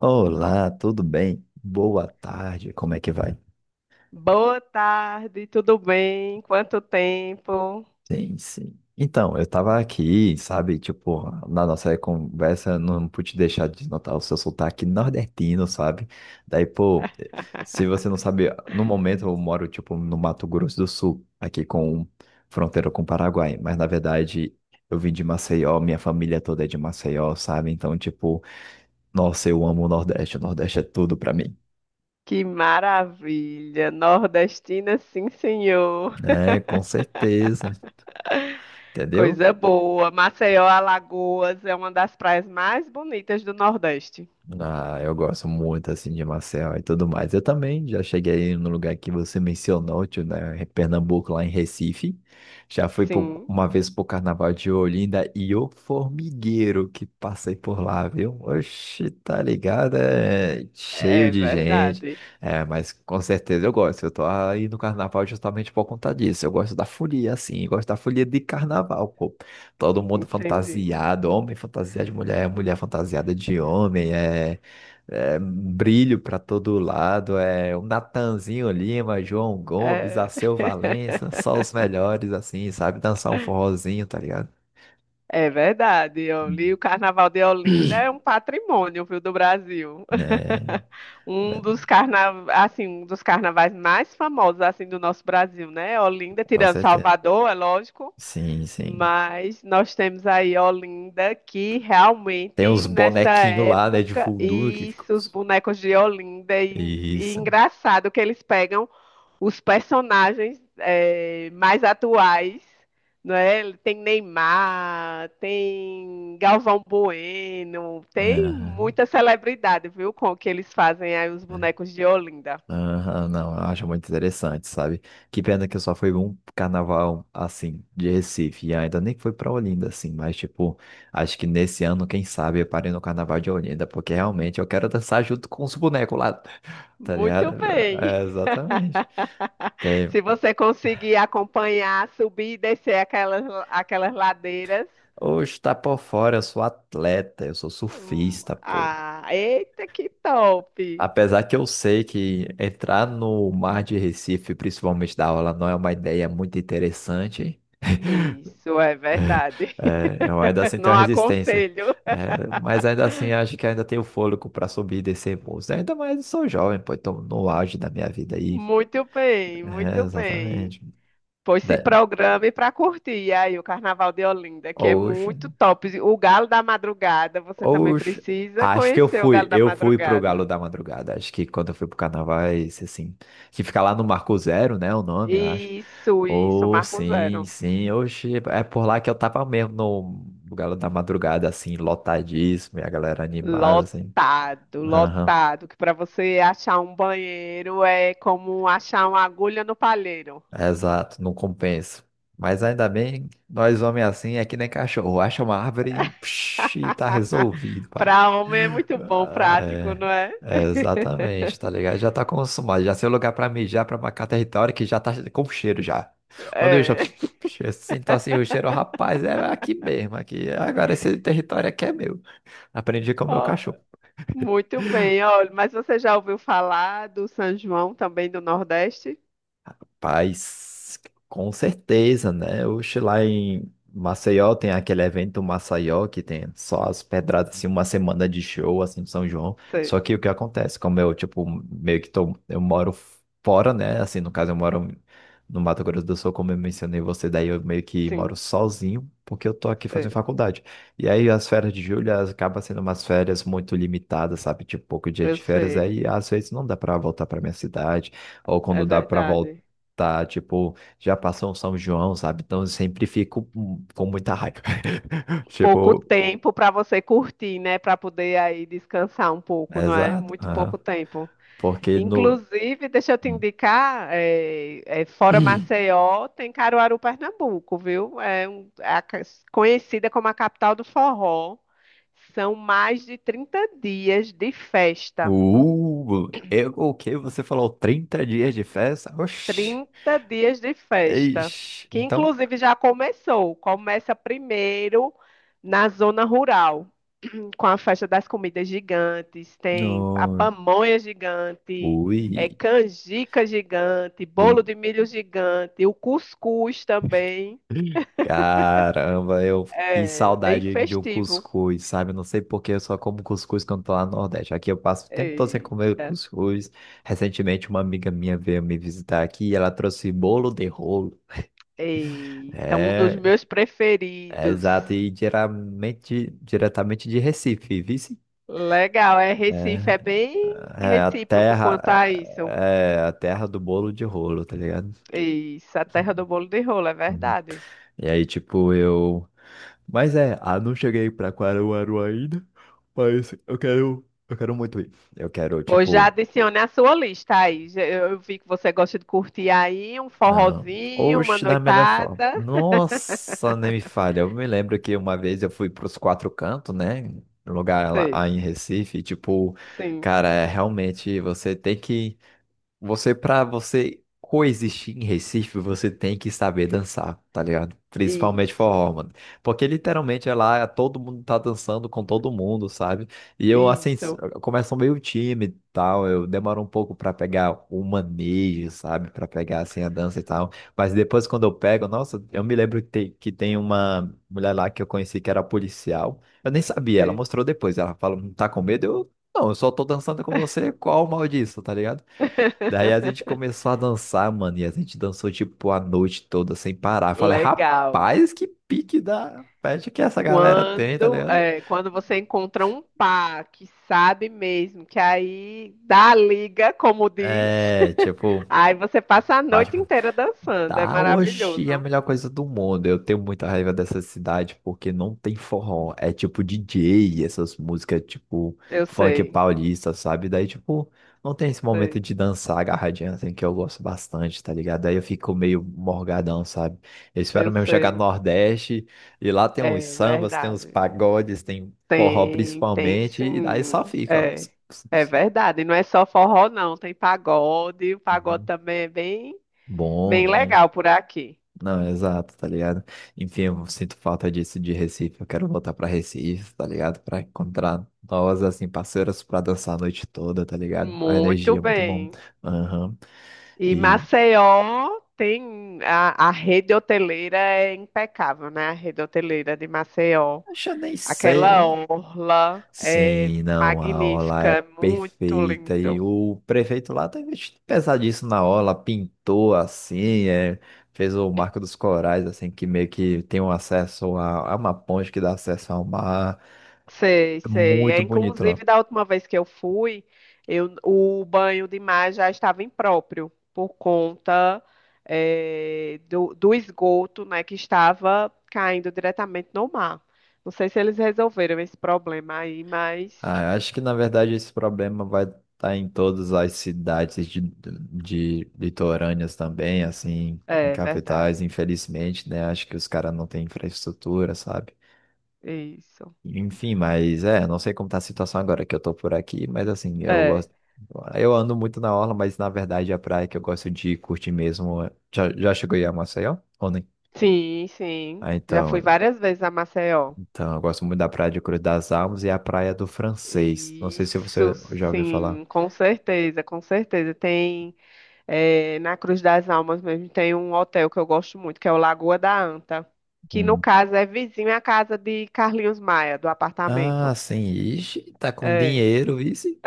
Olá, tudo bem? Boa tarde, como é que vai? Boa tarde, tudo bem? Quanto tempo? Sim. Então, eu tava aqui, sabe, tipo, na nossa conversa, eu não pude deixar de notar o seu sotaque nordestino, sabe? Daí, pô, se você não sabe, no momento eu moro, tipo, no Mato Grosso do Sul, aqui com fronteira com o Paraguai, mas na verdade eu vim de Maceió, minha família toda é de Maceió, sabe? Então, tipo, nossa, eu amo o Nordeste é tudo pra mim, Que maravilha! Nordestina, sim, senhor. né? Com certeza, entendeu? Coisa boa. Maceió, Alagoas é uma das praias mais bonitas do Nordeste. Ah, eu gosto muito assim de Maceió e tudo mais. Eu também já cheguei no lugar que você mencionou, tio, né? Em Pernambuco, lá em Recife. Sim, Uma vez pro Carnaval de Olinda e o formigueiro que passei por lá, viu? Oxi, tá ligado? É cheio é de gente. verdade. É, mas com certeza eu gosto. Eu tô aí no Carnaval justamente por conta disso. Eu gosto da folia, assim, gosto da folia de Carnaval. Todo mundo Entendi. fantasiado, homem fantasiado de mulher, mulher fantasiada de homem, é, é brilho para todo lado, é o Natanzinho Lima, João Gomes, É, Alceu Valença, só os melhores, assim, sabe? Dançar um forrozinho, tá ligado? é verdade. Hum. Oli, o Carnaval de Olinda é um patrimônio, viu, do Brasil. É, né, assim, um dos carnavais mais famosos assim do nosso Brasil, né? Olinda, com tirando certeza. Salvador, é lógico, Sim. mas nós temos aí Olinda que Tem realmente uns nessa bonequinhos lá, né, de época voodoo que ficam. isso, os bonecos de Olinda e Isso. engraçado que eles pegam os personagens é, mais atuais, não é? Tem Neymar, tem Galvão Bueno, tem Aham. muita celebridade, viu? Com o que eles fazem aí os É. bonecos de Olinda. Aham, não, eu acho muito interessante, sabe? Que pena que eu só fui um carnaval assim de Recife e ainda nem fui pra Olinda assim, mas tipo, acho que nesse ano, quem sabe, eu parei no carnaval de Olinda, porque realmente eu quero dançar junto com os bonecos lá, tá Muito ligado? bem. É, exatamente. Tem, Se você conseguir acompanhar, subir e descer aquelas ladeiras. hoje tá por fora, eu sou atleta, eu sou surfista, pô. Ah, eita, que top! Apesar que eu sei que entrar no mar de Recife, principalmente da aula, não é uma ideia muito interessante. Isso é verdade. É, eu ainda assim Não tenho a resistência. aconselho. É, mas ainda assim acho que ainda tenho fôlego para subir e descer muros. Ainda mais eu sou jovem, pô, então no auge da minha vida aí. Muito bem, É, muito bem. exatamente. Pois se Da- programe para curtir aí o Carnaval de Olinda, que é Hoje, muito top. O Galo da Madrugada, você também hoje, precisa acho que conhecer o Galo da eu fui pro Galo Madrugada. da Madrugada. Acho que quando eu fui pro Carnavais, assim, que fica lá no Marco Zero, né, o nome, eu acho. Isso, Oh, Marco sim, Zero. sim. Hoje é por lá que eu tava mesmo no Galo da Madrugada, assim, lotadíssimo, e a galera animada, assim. Lotado, Aham. lotado, que para você achar um banheiro é como achar uma agulha no palheiro. Exato, não compensa. Mas ainda bem, nós homens assim é que nem cachorro. Acha uma árvore e, psh, e tá resolvido, pai. Para homem é muito bom, Ah, prático, É, não é? é, exatamente, tá ligado? Já tá consumado, já sei o lugar pra mijar, pra marcar território que já tá com cheiro já. Quando eu já É. Eu sinto assim o cheiro, rapaz, é aqui mesmo, aqui. Agora esse território aqui é meu. Aprendi com o meu Ó, cachorro. muito bem, olha, mas você já ouviu falar do São João também do Nordeste? Rapaz, com certeza, né? Oxe, lá em Maceió tem aquele evento Maceió que tem só as pedradas, assim, uma semana de show, assim, de São João. Só Sei, que o que acontece, como eu, tipo, meio que tô, eu moro fora, né? Assim, no caso, eu moro no Mato Grosso do Sul, como eu mencionei você, daí eu meio que moro sim, sozinho, porque eu tô aqui fazendo sei, faculdade. E aí as férias de julho elas acabam sendo umas férias muito limitadas, sabe? Tipo, pouco dia eu de férias, sei, aí às vezes não dá pra voltar pra minha cidade ou é quando dá para verdade. tá, tipo, já passou um São João, sabe? Então eu sempre fico com muita raiva. Pouco Tipo, tempo para você curtir, né? Para poder aí descansar um pouco, não é? exato. Muito pouco Aham. tempo. Porque no. Inclusive, deixa eu te Hum. indicar, fora Maceió, tem Caruaru, Pernambuco, viu? É, conhecida como a capital do forró. São mais de 30 dias de festa. Eu, o que Você falou 30 dias de festa? Oxi, 30 dias de festa, eixe. que Então, inclusive já começou. Começa primeiro na zona rural, com a festa das comidas gigantes, tem a no. pamonha gigante, é Ui. canjica gigante, bolo U- de milho gigante, o cuscuz também, Caramba, eu que é bem saudade de um festivo. cuscuz, sabe? Eu não sei por eu só como cuscuz quando tô lá no Nordeste. Aqui eu passo o tempo todo sem comer Eita, cuscuz. Recentemente uma amiga minha veio me visitar aqui e ela trouxe bolo de rolo. eita, um dos É, meus é preferidos. exato, e geralmente, diretamente de Recife, vice? Legal, é Recife, É, é bem é a recíproco terra, quanto a isso. é a terra do bolo de rolo, tá ligado? Isso, a terra do bolo de rolo, é Uhum. verdade. E aí, tipo, eu Mas é, ah, não cheguei pra Caruaru ainda, mas eu quero muito ir. Eu quero, Pois já tipo, adicione a sua lista aí. Já- Eu vi que você gosta de curtir aí um ah, forrozinho, uma oxe, da melhor forma. noitada. Nossa, nem me falha. Eu me lembro que uma vez eu fui pros Quatro Cantos, né? Lugar lá, Sei, lá em Recife, e, tipo, sim. cara, é, realmente você tem que Você, pra você coexistir em Recife, você tem que saber dançar, tá ligado? Principalmente Isso, forró, mano. Porque literalmente é lá, é, todo mundo tá dançando com todo mundo, sabe? E eu, assim, isso, eu começo meio tímido e tal, eu demoro um pouco pra pegar o manejo, sabe? Pra pegar, assim, a dança e tal. Mas depois, quando eu pego, nossa, eu me lembro que tem uma mulher lá que eu conheci que era policial. Eu nem sabia, ela sei. mostrou depois. Ela falou, não tá com medo? Eu, não, eu só tô dançando com você, qual o mal disso, tá ligado? Daí a gente começou a dançar, mano, e a gente dançou tipo a noite toda sem parar. Falei, Legal. rapaz, que pique da festa que essa galera tem, tá Quando, ligado? é, quando você encontra um par que sabe mesmo, que aí dá a liga, como diz, É, tipo, aí você passa a bate noite inteira dançando. É Tá, oxi, é a maravilhoso. melhor coisa do mundo. Eu tenho muita raiva dessa cidade porque não tem forró. É tipo DJ, essas músicas tipo Eu funk sei, paulista, sabe? Daí, tipo, não tem esse momento sei. de dançar agarradinha assim que eu gosto bastante, tá ligado? Daí eu fico meio morgadão, sabe? Eu espero Eu mesmo chegar no sei. Nordeste e lá tem uns É sambas, tem uns verdade. pagodes, tem forró Tem, tem principalmente, e daí só sim. fica, ó. É, é verdade. E não é só forró, não. Tem pagode. O pagode Uhum. também é bem, Bom, bem né? legal por aqui. Não, exato, tá ligado? Enfim, eu sinto falta disso de Recife. Eu quero voltar pra Recife, tá ligado? Pra encontrar novas, assim, parceiras pra dançar a noite toda, tá ligado? A Muito energia é muito bom. bem. Aham. E E Maceió tem a rede hoteleira é impecável, né? A rede hoteleira de Maceió. Acho eu nem Aquela sei. orla é Sim, não, a aula magnífica, é é muito perfeita. E lindo. o prefeito lá tá investindo pesadíssimo na aula, pintou assim, é, fez o Marco dos Corais, assim, que meio que tem um acesso a uma ponte que dá acesso ao mar. Sei, É sei. É, muito bonito lá. inclusive, da última vez que eu fui, eu, o banho de mar já estava impróprio por conta eh, do esgoto, né, que estava caindo diretamente no mar. Não sei se eles resolveram esse problema aí, mas Ah, eu acho que na verdade esse problema vai estar em todas as cidades de litorâneas também, assim, em é capitais, verdade. infelizmente, né? Acho que os caras não têm infraestrutura, sabe? Isso. Enfim, mas é, não sei como tá a situação agora que eu tô por aqui, mas assim, eu É. gosto. Eu ando muito na orla, mas na verdade a praia que eu gosto de curtir mesmo. Já chegou aí a Maceió? Ou nem? Sim, sim. Ah, Já fui então, várias vezes a Maceió. então, eu gosto muito da Praia de Cruz das Almas e a Praia do Francês. Não sei se Isso, você já ouviu falar. sim, com certeza, com certeza. Tem é, na Cruz das Almas mesmo tem um hotel que eu gosto muito, que é o Lagoa da Anta, que no caso é vizinho à casa de Carlinhos Maia, do apartamento. Ah, sim. Ixi, tá com É. dinheiro, vice.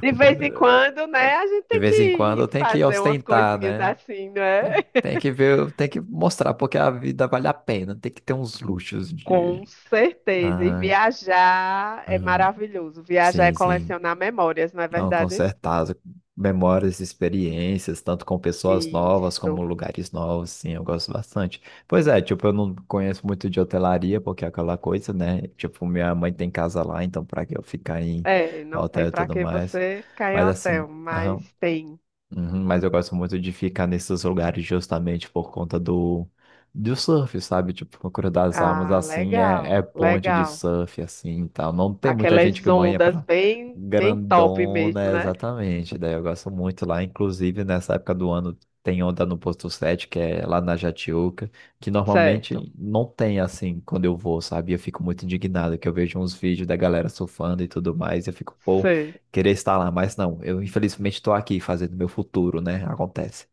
De vez em quando, né, a gente De tem que vez em quando ir tem que fazer umas ostentar, coisinhas né? assim, né? Tem, tem que ver, tem que mostrar porque a vida vale a pena. Tem que ter uns luxos Com de. certeza. E Ah, viajar é ah, maravilhoso. Viajar é sim. colecionar memórias, não é Não, com verdade? certeza. Memórias, experiências, tanto com pessoas novas como Isso. lugares novos, sim, eu gosto bastante. Pois é, tipo, eu não conheço muito de hotelaria, porque é aquela coisa, né? Tipo, minha mãe tem casa lá, então pra que eu ficar em É, não tem hotel e para tudo que mais? você ficar em Mas hotel, assim, mas aham. tem. Uhum, mas eu gosto muito de ficar nesses lugares justamente por conta do surf, sabe? Tipo, no Curo das Almas, Ah, assim, é legal, ponte de legal. surf, assim, e tal. Não tem muita gente Aquelas que banha ondas pra bem, bem top mesmo, grandona, né? exatamente. Daí eu gosto muito lá, inclusive nessa época do ano tem onda no Posto 7, que é lá na Jatiúca, que Certo. normalmente não tem, assim, quando eu vou, sabe? Eu fico muito indignado, que eu vejo uns vídeos da galera surfando e tudo mais, e eu fico, pô, Sei. Queria estar lá, mas não. Eu infelizmente estou aqui fazendo meu futuro, né? Acontece.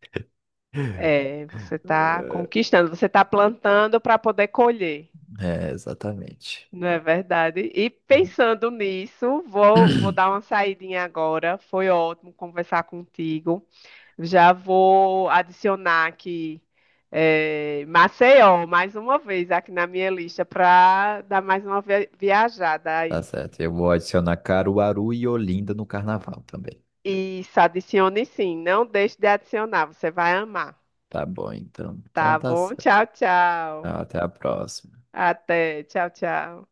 É, você está conquistando, você está plantando para poder colher, É, exatamente. não é verdade? E pensando nisso, vou dar uma saidinha agora. Foi ótimo conversar contigo. Já vou adicionar aqui é, Maceió mais uma vez aqui na minha lista para dar mais uma viajada Tá aí. certo. Eu vou adicionar Caruaru e Olinda no carnaval também. Isso, adicione sim. Não deixe de adicionar, você vai amar. Tá bom, então. Então Tá tá bom? certo. Tchau, tchau. Até a próxima. Até. Tchau, tchau.